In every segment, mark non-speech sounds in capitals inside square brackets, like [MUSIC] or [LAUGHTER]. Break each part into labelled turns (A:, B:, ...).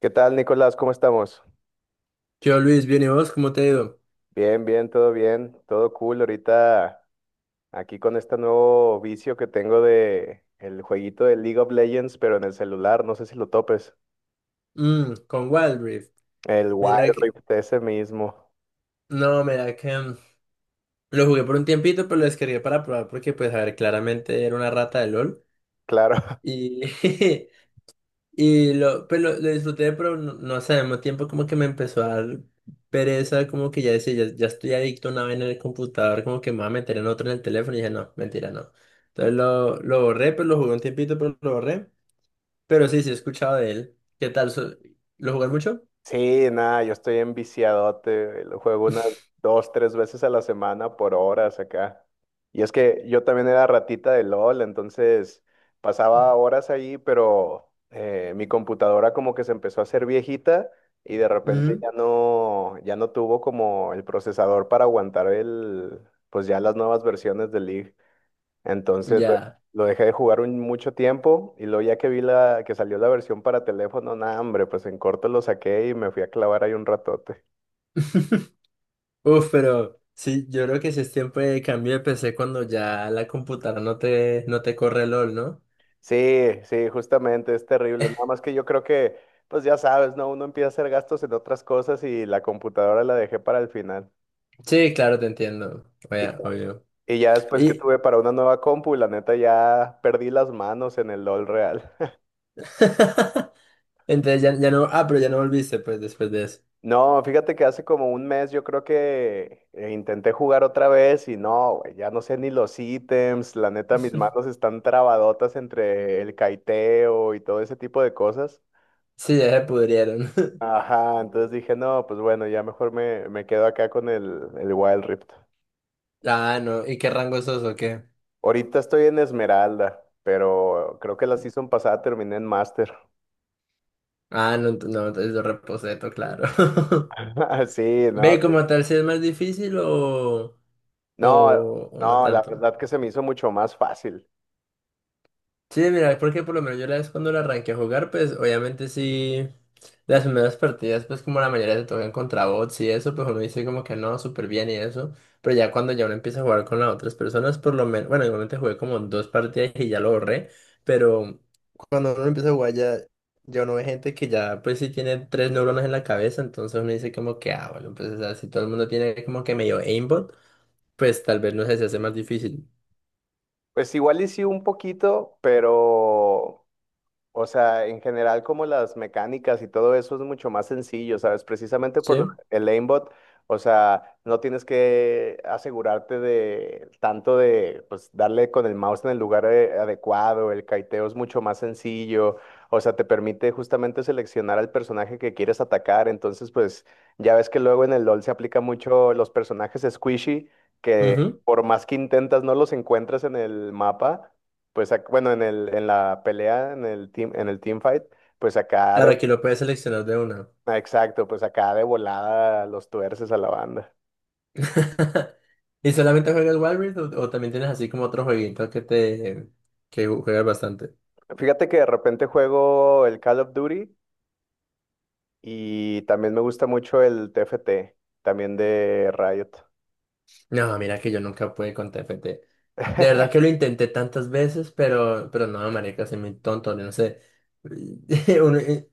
A: ¿Qué tal, Nicolás? ¿Cómo estamos?
B: Yo, Luis, bien, ¿y vos? ¿Cómo te ha ido?
A: Bien, bien, todo cool. Ahorita aquí con este nuevo vicio que tengo de el jueguito de League of Legends, pero en el celular, no sé si lo topes.
B: Mm, con Wild Rift.
A: El
B: Mira
A: Wild
B: que...
A: Rift ese mismo,
B: No, mira que... lo jugué por un tiempito, pero lo descargué para probar porque, pues, a ver, claramente era una rata de LOL.
A: claro. [LAUGHS]
B: Y... [LAUGHS] y lo disfruté, pero no, no sé, al mismo tiempo como que me empezó a dar pereza, como que ya decía, ya estoy adicto a una vaina en el computador, como que me voy a meter en otro en el teléfono. Y dije, no, mentira, no. Entonces lo borré, pues lo jugué un tiempito, pero lo borré. Pero sí, sí he escuchado de él. ¿Qué tal? ¿Lo jugué mucho?
A: Sí, nada, yo estoy enviciadote, güey, lo juego unas 2, 3 veces a la semana por horas acá. Y es que yo también era ratita de LOL, entonces pasaba horas ahí, pero mi computadora como que se empezó a hacer viejita y de repente
B: Ujú.
A: ya no tuvo como el procesador para aguantar pues ya las nuevas versiones del League. Entonces lo,
B: Ya.
A: lo dejé de jugar mucho tiempo y luego ya que vi que salió la versión para teléfono, nada, hombre, pues en corto lo saqué y me fui a clavar ahí un ratote.
B: [LAUGHS] Uf, pero sí, yo creo que si es tiempo de cambio de PC cuando ya la computadora no te, no te corre LOL, ¿no?
A: Sí, sí, justamente, es terrible. Nada más que yo creo que, pues ya sabes, ¿no? Uno empieza a hacer gastos en otras cosas y la computadora la dejé para el final.
B: Sí, claro, te entiendo. Oye,
A: Y,
B: obvio.
A: y ya después que
B: Y
A: tuve para una nueva compu, la neta ya perdí las manos en el LOL real.
B: [LAUGHS] entonces ya no. Ah, pero ya no volviste, pues, después de eso.
A: No, fíjate que hace como un mes yo creo que intenté jugar otra vez y no, güey, ya no sé ni los ítems, la neta mis manos
B: [LAUGHS]
A: están trabadotas entre el caiteo y todo ese tipo de cosas.
B: Sí, ya se pudrieron. [LAUGHS]
A: Ajá, entonces dije, no, pues bueno, ya mejor me quedo acá con el Wild Rift.
B: Ah, no. ¿Y qué rango sos o qué?
A: Ahorita estoy en Esmeralda, pero creo que la season pasada terminé en Master.
B: Ah, no, no, entonces yo reposeto, claro. [LAUGHS]
A: [LAUGHS] Sí, no,
B: Ve, como tal, si es más difícil o,
A: no,
B: o no
A: no, la
B: tanto.
A: verdad que se me hizo mucho más fácil.
B: Sí, mira, porque por lo menos yo la vez cuando la arranqué a jugar, pues obviamente sí, las primeras partidas, pues como la mayoría se tocan contra bots y eso, pues uno dice como que no, súper bien y eso, pero ya cuando ya uno empieza a jugar con las otras personas, por lo menos, bueno, igualmente jugué como dos partidas y ya lo borré, pero cuando uno empieza a jugar ya, ya uno ve gente que ya pues sí tiene tres neuronas en la cabeza, entonces uno dice como que, ah, bueno, pues o sea, si todo el mundo tiene como que medio aimbot, pues tal vez no sé, se hace más difícil,
A: Pues igual y sí un poquito, pero, o sea, en general como las mecánicas y todo eso es mucho más sencillo, ¿sabes? Precisamente por
B: ¿sí?
A: el aimbot, o sea, no tienes que asegurarte de tanto de, pues, darle con el mouse en el lugar adecuado, el kiteo es mucho más sencillo, o sea, te permite justamente seleccionar al personaje que quieres atacar, entonces, pues, ya ves que luego en el LoL se aplica mucho los personajes squishy, que
B: Ujú.
A: por más que intentas no los encuentras en el mapa pues bueno, en en la pelea, en el team fight, pues
B: Claro, aquí lo puedes seleccionar de una.
A: ah, exacto, pues acá de volada los tuerces a la banda.
B: [LAUGHS] ¿Y solamente juegas Wild Rift o también tienes así como otro jueguito que te juegas bastante?
A: Fíjate que de repente juego el Call of Duty y también me gusta mucho el TFT, también de Riot.
B: No, mira que yo nunca pude con TFT. De verdad
A: [LAUGHS]
B: que lo intenté tantas veces, pero no, marica, soy muy tonto, yo no sé. [LAUGHS] Uno,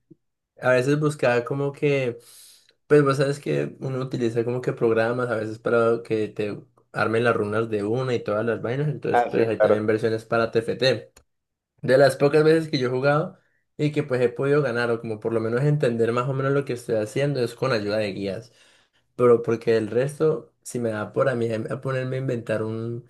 B: a veces buscaba como que, pues vos sabes que uno utiliza como que programas a veces para que te armen las runas de una y todas las vainas, entonces
A: Ah, sí,
B: pues hay también
A: claro,
B: versiones para TFT. De las pocas veces que yo he jugado y que pues he podido ganar o como por lo menos entender más o menos lo que estoy haciendo es con ayuda de guías, pero porque el resto, si me da por a mí a ponerme a inventar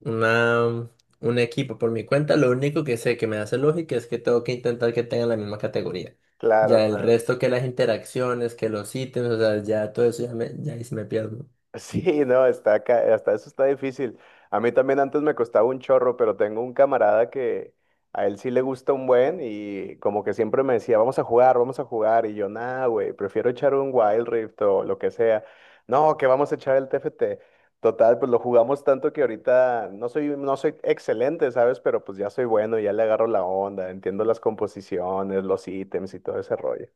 B: una, un equipo por mi cuenta, lo único que sé que me hace lógica es que tengo que intentar que tengan la misma categoría.
A: claro,
B: Ya el
A: claro.
B: resto que las interacciones, que los ítems, o sea, ya todo eso ya, me, ya ahí sí me pierdo.
A: Sí, no, está acá, hasta eso está difícil. A mí también antes me costaba un chorro, pero tengo un camarada que a él sí le gusta un buen y como que siempre me decía, vamos a jugar, vamos a jugar. Y yo, nah, güey, prefiero echar un Wild Rift o lo que sea. No, que vamos a echar el TFT. Total, pues lo jugamos tanto que ahorita no soy excelente, ¿sabes? Pero pues ya soy bueno, ya le agarro la onda, entiendo las composiciones, los ítems y todo ese rollo.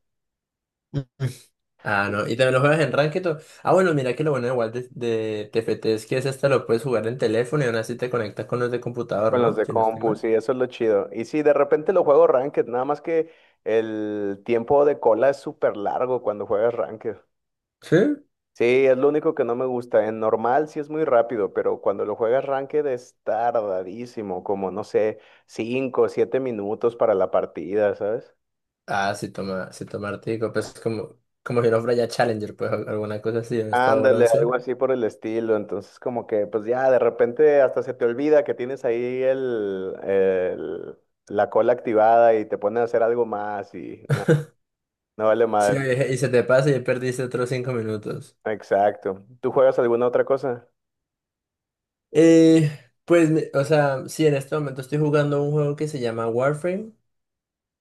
B: Ah, no, y también lo juegas en Ranked. Ah, bueno, mira que lo bueno igual de TFT es que es hasta lo puedes jugar en teléfono y aún así te conectas con los de computador,
A: Con los
B: ¿no?
A: de
B: Si no estoy
A: compu,
B: mal.
A: sí, eso es lo chido. Y sí, de repente lo juego ranked, nada más que el tiempo de cola es súper largo cuando juegas ranked.
B: Sí,
A: Sí, es lo único que no me gusta. En normal sí es muy rápido, pero cuando lo juegas ranked es tardadísimo, como no sé, 5 o 7 minutos para la partida, ¿sabes?
B: ah, sí toma Artigo, pues como, como si no fuera ya Challenger, pues alguna cosa así, no es todo
A: Ándale, algo
B: bronce.
A: así por el estilo. Entonces, como que, pues ya, de repente hasta se te olvida que tienes ahí la cola activada y te pones a hacer algo más y no,
B: [LAUGHS]
A: no vale
B: Sí,
A: madre.
B: oye, y se te pasa y ya perdiste otros 5 minutos.
A: Exacto. ¿Tú juegas alguna otra cosa?
B: Eh, pues, o sea, sí, en este momento estoy jugando un juego que se llama Warframe.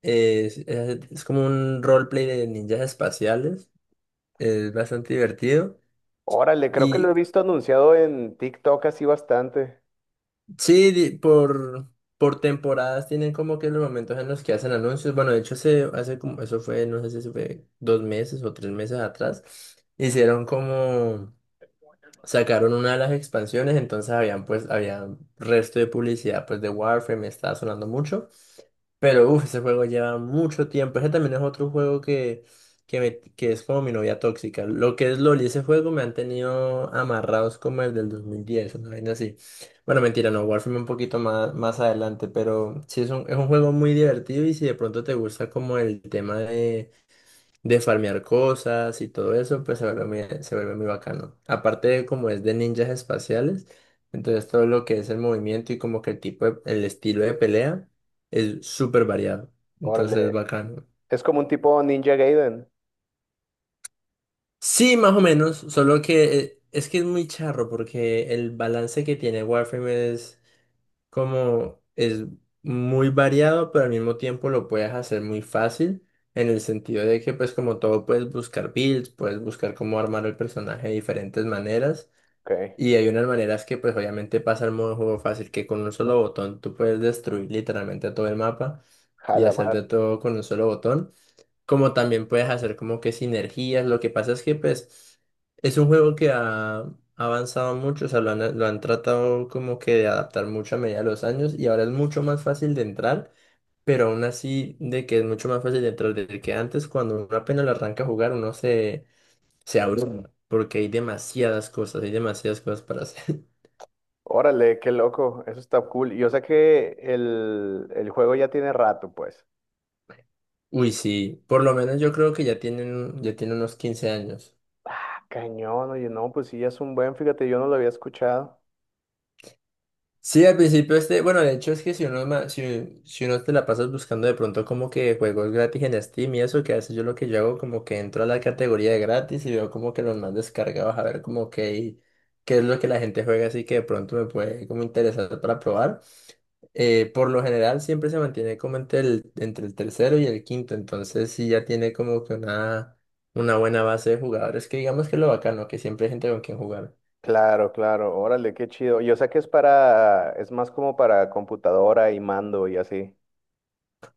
B: Es, es como un roleplay de ninjas espaciales. Es bastante divertido.
A: Órale, creo que lo he
B: Y
A: visto anunciado en TikTok así bastante.
B: sí, por temporadas tienen como que los momentos en los que hacen anuncios. Bueno, de hecho, hace, hace como, eso fue, no sé si eso fue dos meses o tres meses atrás, hicieron como, sacaron una de las expansiones, entonces habían pues, había resto de publicidad pues de Warframe, estaba sonando mucho. Pero uff, ese juego lleva mucho tiempo. Ese también es otro juego que, que es como mi novia tóxica. Lo que es LOL y ese juego me han tenido amarrados como el del 2010 una vaina así. Bueno, mentira, no, Warframe un poquito más, más adelante, pero sí es un juego muy divertido y si de pronto te gusta como el tema de farmear cosas y todo eso, pues se vuelve muy bacano. Aparte de como es de ninjas espaciales, entonces todo lo que es el movimiento y como que el estilo de pelea es súper variado. Entonces es
A: Órale,
B: bacano.
A: es como un tipo Ninja Gaiden.
B: Sí, más o menos, solo que es que es muy charro porque el balance que tiene Warframe es como es muy variado, pero al mismo tiempo lo puedes hacer muy fácil, en el sentido de que pues como todo puedes buscar builds, puedes buscar cómo armar el personaje de diferentes maneras,
A: Ok,
B: y hay unas maneras que pues obviamente pasa al modo juego fácil, que con un solo botón tú puedes destruir literalmente todo el mapa y hacer de
A: jalamar.
B: todo con un solo botón como también puedes hacer como que sinergias. Lo que pasa es que pues es un juego que ha avanzado mucho, o sea, lo han tratado como que de adaptar mucho a medida de los años y ahora es mucho más fácil de entrar, pero aún así de que es mucho más fácil de entrar desde que antes cuando uno apenas lo arranca a jugar uno se, se abruma porque hay demasiadas cosas para hacer.
A: Órale, qué loco, eso está cool. Yo sé que el juego ya tiene rato, pues.
B: [LAUGHS] Uy, sí, por lo menos yo creo que ya tienen, ya tiene unos 15 años.
A: Ah, cañón, oye, no, pues sí, ya es un buen, fíjate, yo no lo había escuchado.
B: Sí, al principio este, bueno, de hecho es que si uno, si, si uno te la pasas buscando de pronto como que juegos gratis en Steam y eso, que a veces yo lo que yo hago como que entro a la categoría de gratis y veo como que los más descargados a ver como que qué es lo que la gente juega, así que de pronto me puede como interesar para probar. Por lo general siempre se mantiene como entre el tercero y el quinto, entonces sí ya tiene como que una buena base de jugadores, que digamos que es lo bacano, que siempre hay gente con quien jugar.
A: Claro, claro, órale, qué chido. Yo sé que es para, es más como para computadora y mando y así.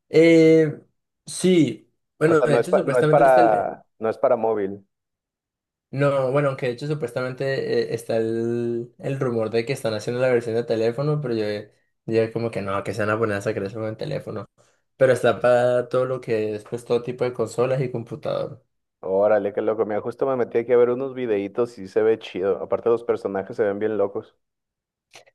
B: Eh, sí,
A: O
B: bueno,
A: sea,
B: de
A: no es
B: hecho
A: pa- no es
B: supuestamente está el...
A: para, no es para móvil.
B: no, bueno, aunque de hecho supuestamente está el rumor de que están haciendo la versión de teléfono, pero yo como que no, que se van a poner a sacar eso en teléfono. Pero está para todo lo que es, pues todo tipo de consolas y computador.
A: Órale, qué loco. Mira, justo me metí aquí a ver unos videitos y se ve chido. Aparte, los personajes se ven bien locos.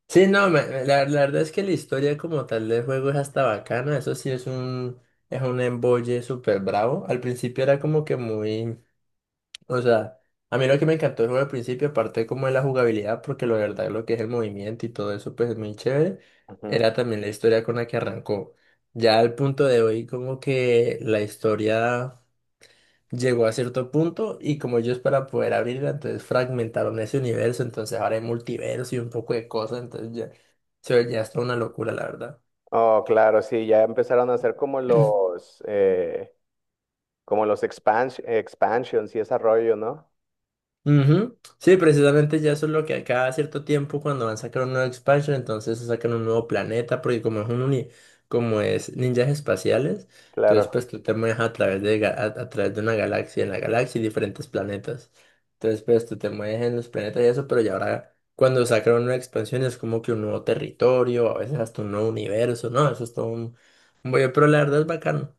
B: Sí, no, la, la verdad es que la historia como tal del juego es hasta bacana, eso sí es un embolle súper bravo. Al principio era como que muy... O sea, a mí lo que me encantó el juego al principio, aparte como de la jugabilidad, porque la verdad lo que es el movimiento y todo eso, pues es muy chévere,
A: Ujú.
B: era también la historia con la que arrancó. Ya al punto de hoy, como que la historia llegó a cierto punto y como ellos para poder abrirla, entonces fragmentaron ese universo, entonces ahora hay multiverso y un poco de cosas, entonces ya se veía hasta una locura, la verdad.
A: Oh, claro, sí, ya empezaron a hacer como los expansions y ese rollo, ¿no?
B: Ujú. Sí, precisamente ya eso es lo que a cada cierto tiempo cuando van a sacar una nuevo expansion, entonces sacan un nuevo planeta, porque como es un como es ninjas espaciales, entonces
A: Claro.
B: pues tú te mueves a través de a través de una galaxia, en la galaxia y diferentes planetas. Entonces pues tú te mueves en los planetas y eso, pero ya ahora cuando sacan una nueva expansión es como que un nuevo territorio, a veces hasta un nuevo universo, ¿no? Eso es todo un bollo, pero la verdad es bacano.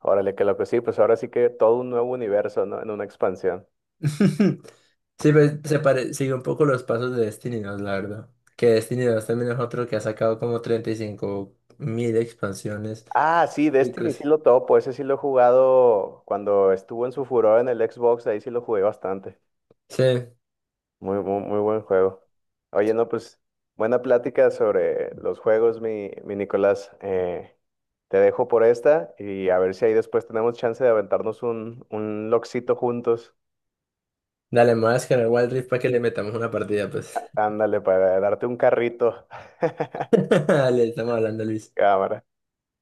A: Órale, qué loco. Sí, pues ahora sí que todo un nuevo universo, ¿no? En una expansión.
B: [LAUGHS] Sí, pues, se pare... sigue un poco los pasos de Destiny 2 la verdad. Que Destiny dos también es otro que ha sacado como 35.000 expansiones
A: Ah, sí,
B: y
A: Destiny sí
B: cosas.
A: lo topo. Ese sí lo he jugado cuando estuvo en su furor en el Xbox. Ahí sí lo jugué bastante.
B: Sí,
A: Muy, muy, muy buen juego. Oye, no, pues buena plática sobre los juegos, mi Nicolás. Te dejo por esta y a ver si ahí después tenemos chance de aventarnos un loxito juntos.
B: dale, me voy a descargar Wild Rift para que le metamos una partida, pues.
A: Ándale, para darte un carrito.
B: [LAUGHS]
A: [LAUGHS]
B: Dale, estamos hablando, Luis.
A: Cámara.